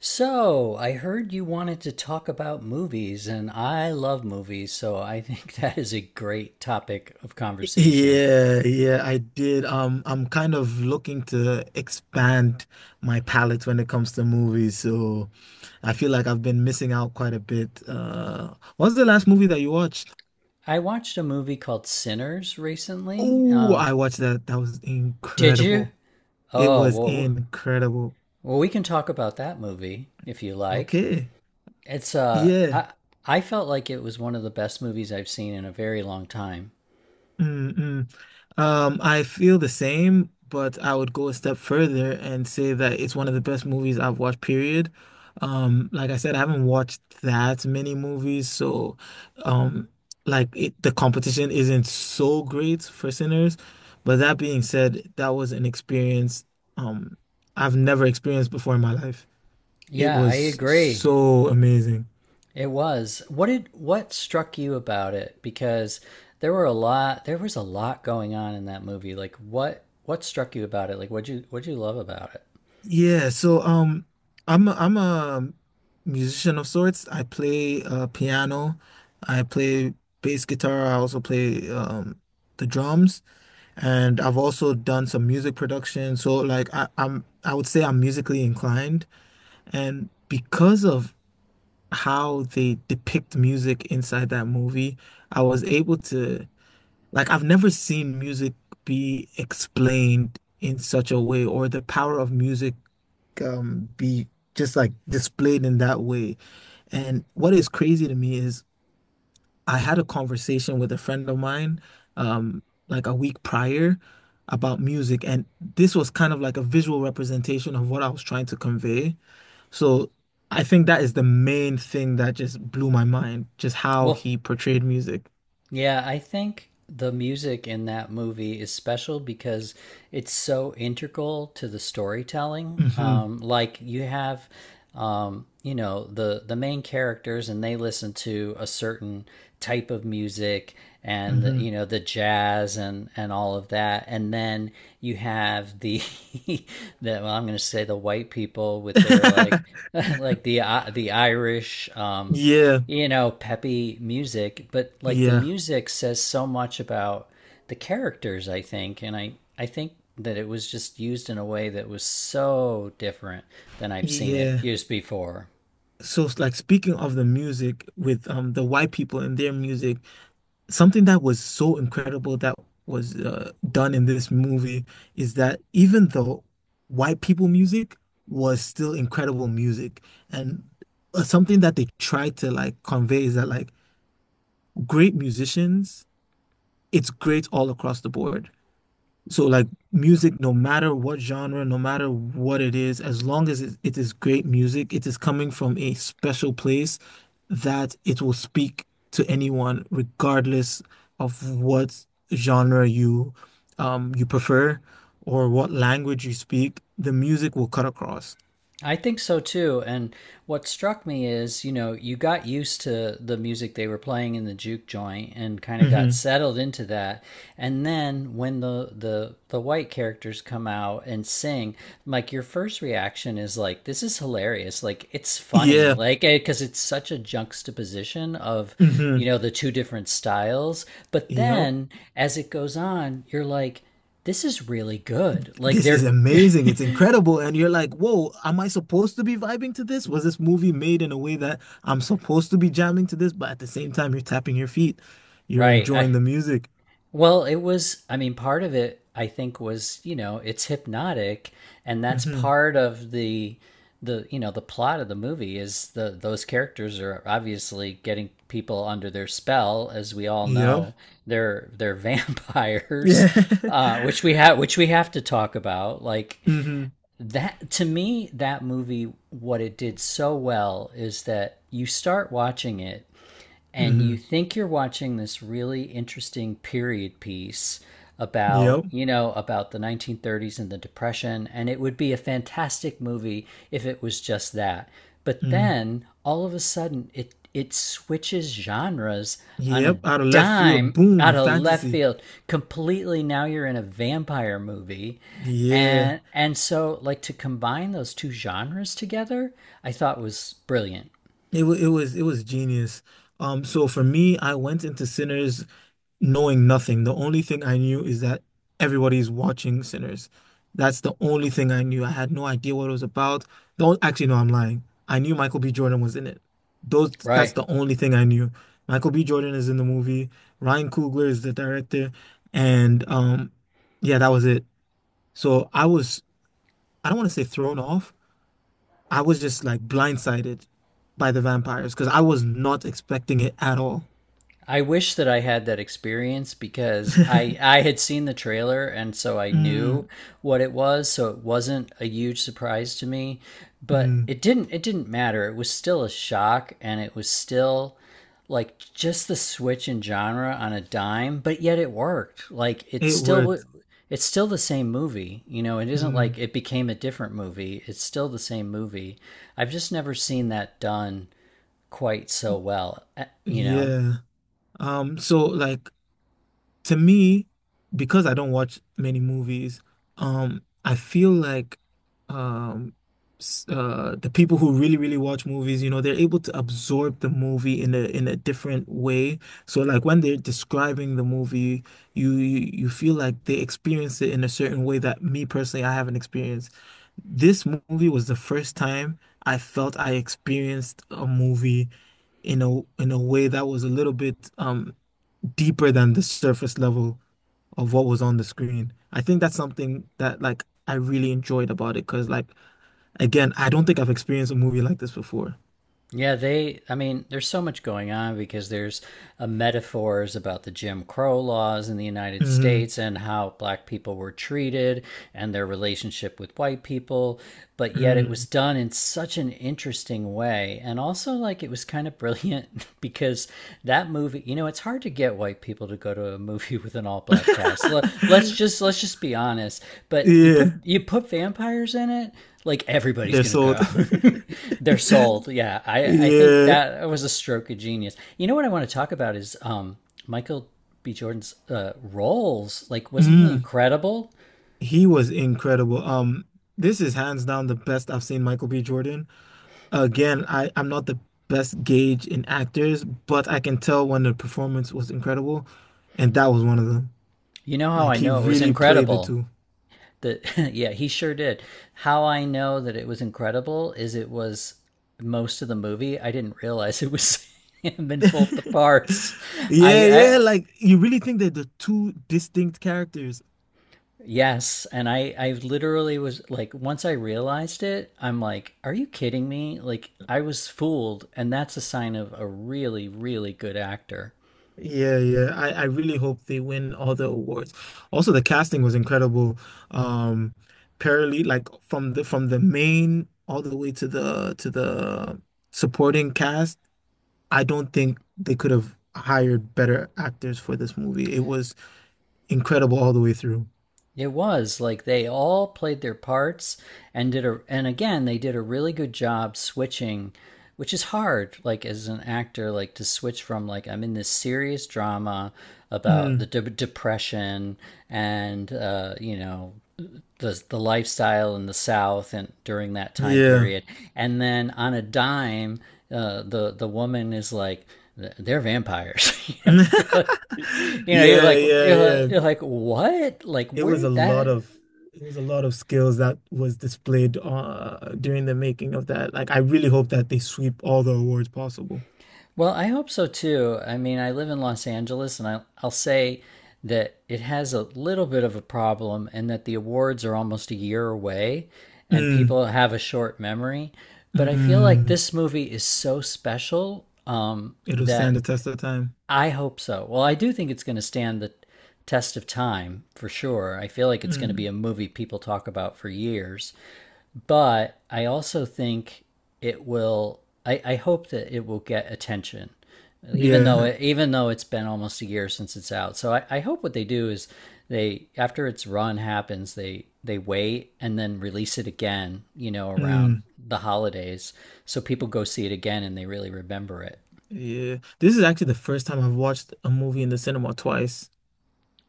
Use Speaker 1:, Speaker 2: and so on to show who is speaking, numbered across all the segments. Speaker 1: So, I heard you wanted to talk about movies, and I love movies, so I think that is a great topic of conversation.
Speaker 2: Yeah, yeah, I did. I'm kind of looking to expand my palette when it comes to movies, so I feel like I've been missing out quite a bit. What's the last movie that you watched?
Speaker 1: I watched a movie called Sinners recently.
Speaker 2: Oh, I watched that. That was
Speaker 1: Did you?
Speaker 2: incredible. It
Speaker 1: Oh,
Speaker 2: was
Speaker 1: well,
Speaker 2: incredible.
Speaker 1: well, we can talk about that movie if you like.
Speaker 2: Okay.
Speaker 1: It's uh,
Speaker 2: Yeah.
Speaker 1: I I felt like it was one of the best movies I've seen in a very long time.
Speaker 2: Mm-mm. I feel the same, but I would go a step further and say that it's one of the best movies I've watched, period. Like I said, I haven't watched that many movies, so um, the competition isn't so great for Sinners. But that being said, that was an experience um I've never experienced before in my life. It
Speaker 1: Yeah, I
Speaker 2: was
Speaker 1: agree.
Speaker 2: so amazing.
Speaker 1: It was. What struck you about it? Because there was a lot going on in that movie. Like what struck you about it? Like what you love about it?
Speaker 2: Yeah, so I'm a musician of sorts. I play piano, I play bass guitar, I also play the drums, and I've also done some music production. So I would say I'm musically inclined, and because of how they depict music inside that movie, I was able to like I've never seen music be explained in such a way or the power of music be just like displayed in that way. And what is crazy to me is I had a conversation with a friend of mine um like a week prior about music, and this was kind of like a visual representation of what I was trying to convey. So I think that is the main thing that just blew my mind, just how
Speaker 1: Well,
Speaker 2: he portrayed music.
Speaker 1: Yeah, I think the music in that movie is special because it's so integral to the storytelling.
Speaker 2: Hmm.
Speaker 1: Like you have, you know, the main characters, and they listen to a certain type of music, and you
Speaker 2: Hmm.
Speaker 1: know the jazz and all of that, and then you have the the, I'm going to say the white people with their like like the Irish,
Speaker 2: Yeah,
Speaker 1: you know, peppy music, but like the
Speaker 2: yeah,
Speaker 1: music says so much about the characters, I think, and I think that it was just used in a way that was so different than I've seen it
Speaker 2: yeah.
Speaker 1: used before.
Speaker 2: So it's like speaking of the music with the white people and their music, something that was so incredible that was done in this movie is that even though white people music was still incredible music, and something that they tried to like convey is that like great musicians, it's great all across the board. So like music, no matter what genre, no matter what it is, as long as it is great music, it is coming from a special place that it will speak to anyone, regardless of what genre you you prefer or what language you speak, the music will cut across.
Speaker 1: I think so too. And what struck me is, you know, you got used to the music they were playing in the juke joint and kind of got
Speaker 2: Hmm.
Speaker 1: settled into that. And then when the white characters come out and sing, like your first reaction is like, this is hilarious. Like it's funny.
Speaker 2: Yeah.
Speaker 1: Like because it's such a juxtaposition of,
Speaker 2: Hmm.
Speaker 1: you know, the two different styles. But
Speaker 2: Yep.
Speaker 1: then as it goes on, you're like, this is really good. Like
Speaker 2: This is
Speaker 1: they're
Speaker 2: amazing. It's incredible. And you're like, whoa, am I supposed to be vibing to this? Was this movie made in a way that I'm supposed to be jamming to this? But at the same time, you're tapping your feet. You're
Speaker 1: Right. I
Speaker 2: enjoying the music.
Speaker 1: Well, it was, I mean, part of it, I think, was, you know, it's hypnotic, and that's
Speaker 2: Mm-hmm.
Speaker 1: part of the you know the plot of the movie is the those characters are obviously getting people under their spell as we all
Speaker 2: Yep.
Speaker 1: know they're vampires
Speaker 2: Yeah.
Speaker 1: uh which we have which we have to talk about like
Speaker 2: Mm-hmm.
Speaker 1: that to me, that movie, what it did so well is that you start watching it and you
Speaker 2: Mm-hmm.
Speaker 1: think you're watching this really interesting period piece about,
Speaker 2: Yep.
Speaker 1: you know, about the 1930s and the depression, and it would be a fantastic movie if it was just that, but
Speaker 2: Mm.
Speaker 1: then all of a sudden it switches genres on a
Speaker 2: Yep. Out of left field.
Speaker 1: dime
Speaker 2: Boom.
Speaker 1: out of left
Speaker 2: Fantasy.
Speaker 1: field, completely now you're in a vampire movie,
Speaker 2: Yeah.
Speaker 1: and so like to combine those two genres together, I thought was brilliant.
Speaker 2: It was genius. So for me, I went into Sinners knowing nothing. The only thing I knew is that everybody's watching Sinners. That's the only thing I knew. I had no idea what it was about. Don't actually, no, I'm lying. I knew Michael B. Jordan was in it. Those that's
Speaker 1: Right.
Speaker 2: the only thing I knew. Michael B. Jordan is in the movie. Ryan Coogler is the director, and yeah, that was it. So I was, I don't want to say thrown off. I was just like blindsided by the vampires because I was not expecting it at all.
Speaker 1: I wish that I had that experience because I I had seen the trailer and so I knew
Speaker 2: Mm,
Speaker 1: what it was, so it wasn't a huge surprise to me, but
Speaker 2: mm.
Speaker 1: it didn't matter. It was still a shock, and it was still like just the switch in genre on a dime, but yet it worked. Like it's
Speaker 2: It
Speaker 1: still
Speaker 2: worked.
Speaker 1: it's still the same movie, you know, it isn't like
Speaker 2: Mm,
Speaker 1: it became a different movie. It's still the same movie. I've just never seen that done quite so well, eh, you know.
Speaker 2: yeah. So like to me, because I don't watch many movies, I feel like um the people who really, really watch movies, you know, they're able to absorb the movie in a different way. So like when they're describing the movie, you feel like they experience it in a certain way that me personally I haven't experienced. This movie was the first time I felt I experienced a movie in a way that was a little bit deeper than the surface level of what was on the screen. I think that's something that like I really enjoyed about it because like again, I don't think I've experienced a movie like this before.
Speaker 1: Yeah, they, I mean, there's so much going on because there's metaphors about the Jim Crow laws in the United
Speaker 2: Hmm.
Speaker 1: States and how black people were treated and their relationship with white people. But yet it was
Speaker 2: Mm.
Speaker 1: done in such an interesting way. And also, like, it was kind of brilliant because that movie, you know, it's hard to get white people to go to a movie with an all black cast. Let's just be honest. But you
Speaker 2: Yeah,
Speaker 1: put you put vampires in it, like everybody's
Speaker 2: they're
Speaker 1: gonna
Speaker 2: sold.
Speaker 1: go. They're sold. Yeah, I think
Speaker 2: Yeah.
Speaker 1: that was a stroke of genius. You know what I want to talk about is Michael B. Jordan's roles. Like, wasn't he
Speaker 2: Mm.
Speaker 1: incredible?
Speaker 2: He was incredible. This is hands down the best I've seen Michael B. Jordan. Again, I'm not the best gauge in actors, but I can tell when the performance was incredible, and that was one of them.
Speaker 1: You know how
Speaker 2: Like
Speaker 1: I
Speaker 2: he
Speaker 1: know it was
Speaker 2: really played the
Speaker 1: incredible.
Speaker 2: two.
Speaker 1: That yeah, he sure did. How I know that it was incredible is it was most of the movie. I didn't realize it was him in both the parts.
Speaker 2: Yeah, yeah,
Speaker 1: I
Speaker 2: like you really think they're the two distinct characters.
Speaker 1: Yes, and I literally was like once I realized it, I'm like, are you kidding me? Like I was fooled, and that's a sign of a really really good actor.
Speaker 2: Yeah, yeah. I really hope they win all the awards. Also, the casting was incredible. Um, parallel, like from the main all the way to the supporting cast. I don't think they could have hired better actors for this movie. It was incredible all the way through.
Speaker 1: It was like they all played their parts and did a and again they did a really good job switching, which is hard like as an actor like to switch from like I'm in this serious drama about the
Speaker 2: Mm,
Speaker 1: depression and you know the lifestyle in the South and during that time
Speaker 2: yeah.
Speaker 1: period, and then on a dime, the woman is like they're vampires. You know, and you're like you know you're
Speaker 2: Yeah,
Speaker 1: like
Speaker 2: yeah, yeah.
Speaker 1: you're like what like
Speaker 2: It
Speaker 1: where
Speaker 2: was a
Speaker 1: did
Speaker 2: lot
Speaker 1: that.
Speaker 2: of it was a lot of skills that was displayed during the making of that. Like I really hope that they sweep all the awards possible.
Speaker 1: Well, I hope so too. I mean, I live in Los Angeles, and I'll say that it has a little bit of a problem and that the awards are almost a year away and
Speaker 2: Mm,
Speaker 1: people have a short memory, but I feel like
Speaker 2: mm.
Speaker 1: this movie is so special,
Speaker 2: It'll stand
Speaker 1: that
Speaker 2: the test of time.
Speaker 1: I hope so. Well, I do think it's going to stand the test of time for sure. I feel like it's going to be
Speaker 2: Mm,
Speaker 1: a movie people talk about for years. But I also think it will. I hope that it will get attention, even though
Speaker 2: yeah.
Speaker 1: even though it's been almost a year since it's out. So I hope what they do is they, after its run happens, they wait and then release it again. You know, around
Speaker 2: Mm,
Speaker 1: the holidays, so people go see it again and they really remember it.
Speaker 2: yeah. This is actually the first time I've watched a movie in the cinema twice.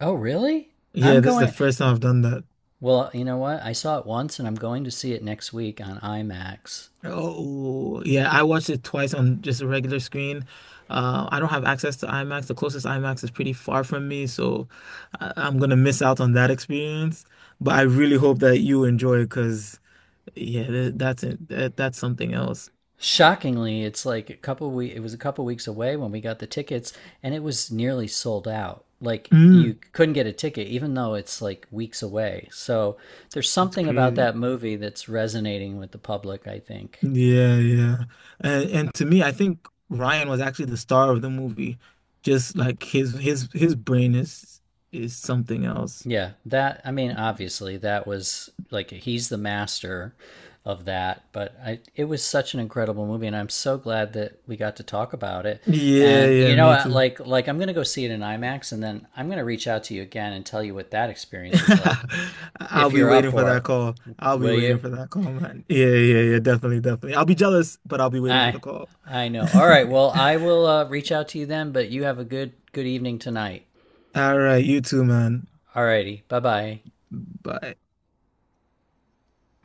Speaker 1: Oh, really? I'm
Speaker 2: Yeah, this is the
Speaker 1: going.
Speaker 2: first time I've done that.
Speaker 1: Well, you know what? I saw it once, and I'm going to see it next week on IMAX.
Speaker 2: Oh, yeah, I watched it twice on just a regular screen. I don't have access to IMAX. The closest IMAX is pretty far from me, so I'm gonna miss out on that experience. But I really hope that you enjoy it because, yeah, th that's it. That's something else.
Speaker 1: Shockingly, it's like a couple we it was a couple weeks away when we got the tickets and it was nearly sold out. Like you
Speaker 2: Mm,
Speaker 1: couldn't get a ticket even though it's like weeks away. So there's
Speaker 2: that's
Speaker 1: something about
Speaker 2: crazy.
Speaker 1: that movie that's resonating with the public, I think.
Speaker 2: Yeah, yeah. And to me, I think Ryan was actually the star of the movie. Just like his his brain is something else.
Speaker 1: Yeah, that, I mean, obviously that was like he's the master of that, but I, it was such an incredible movie and I'm so glad that we got to talk about it.
Speaker 2: Yeah,
Speaker 1: And you
Speaker 2: yeah,
Speaker 1: know,
Speaker 2: me too.
Speaker 1: like I'm going to go see it in IMAX and then I'm going to reach out to you again and tell you what that experience was like.
Speaker 2: I'll
Speaker 1: If
Speaker 2: be
Speaker 1: you're up
Speaker 2: waiting for
Speaker 1: for
Speaker 2: that
Speaker 1: it,
Speaker 2: call. I'll be
Speaker 1: will
Speaker 2: waiting
Speaker 1: you?
Speaker 2: for that call, man. Yeah, yeah, yeah, definitely, definitely. I'll be jealous, but I'll be waiting for
Speaker 1: I
Speaker 2: the call.
Speaker 1: I know. All right, well, I will reach out to you then, but you have a good evening tonight.
Speaker 2: All right, you too, man.
Speaker 1: All righty. Bye-bye.
Speaker 2: Bye.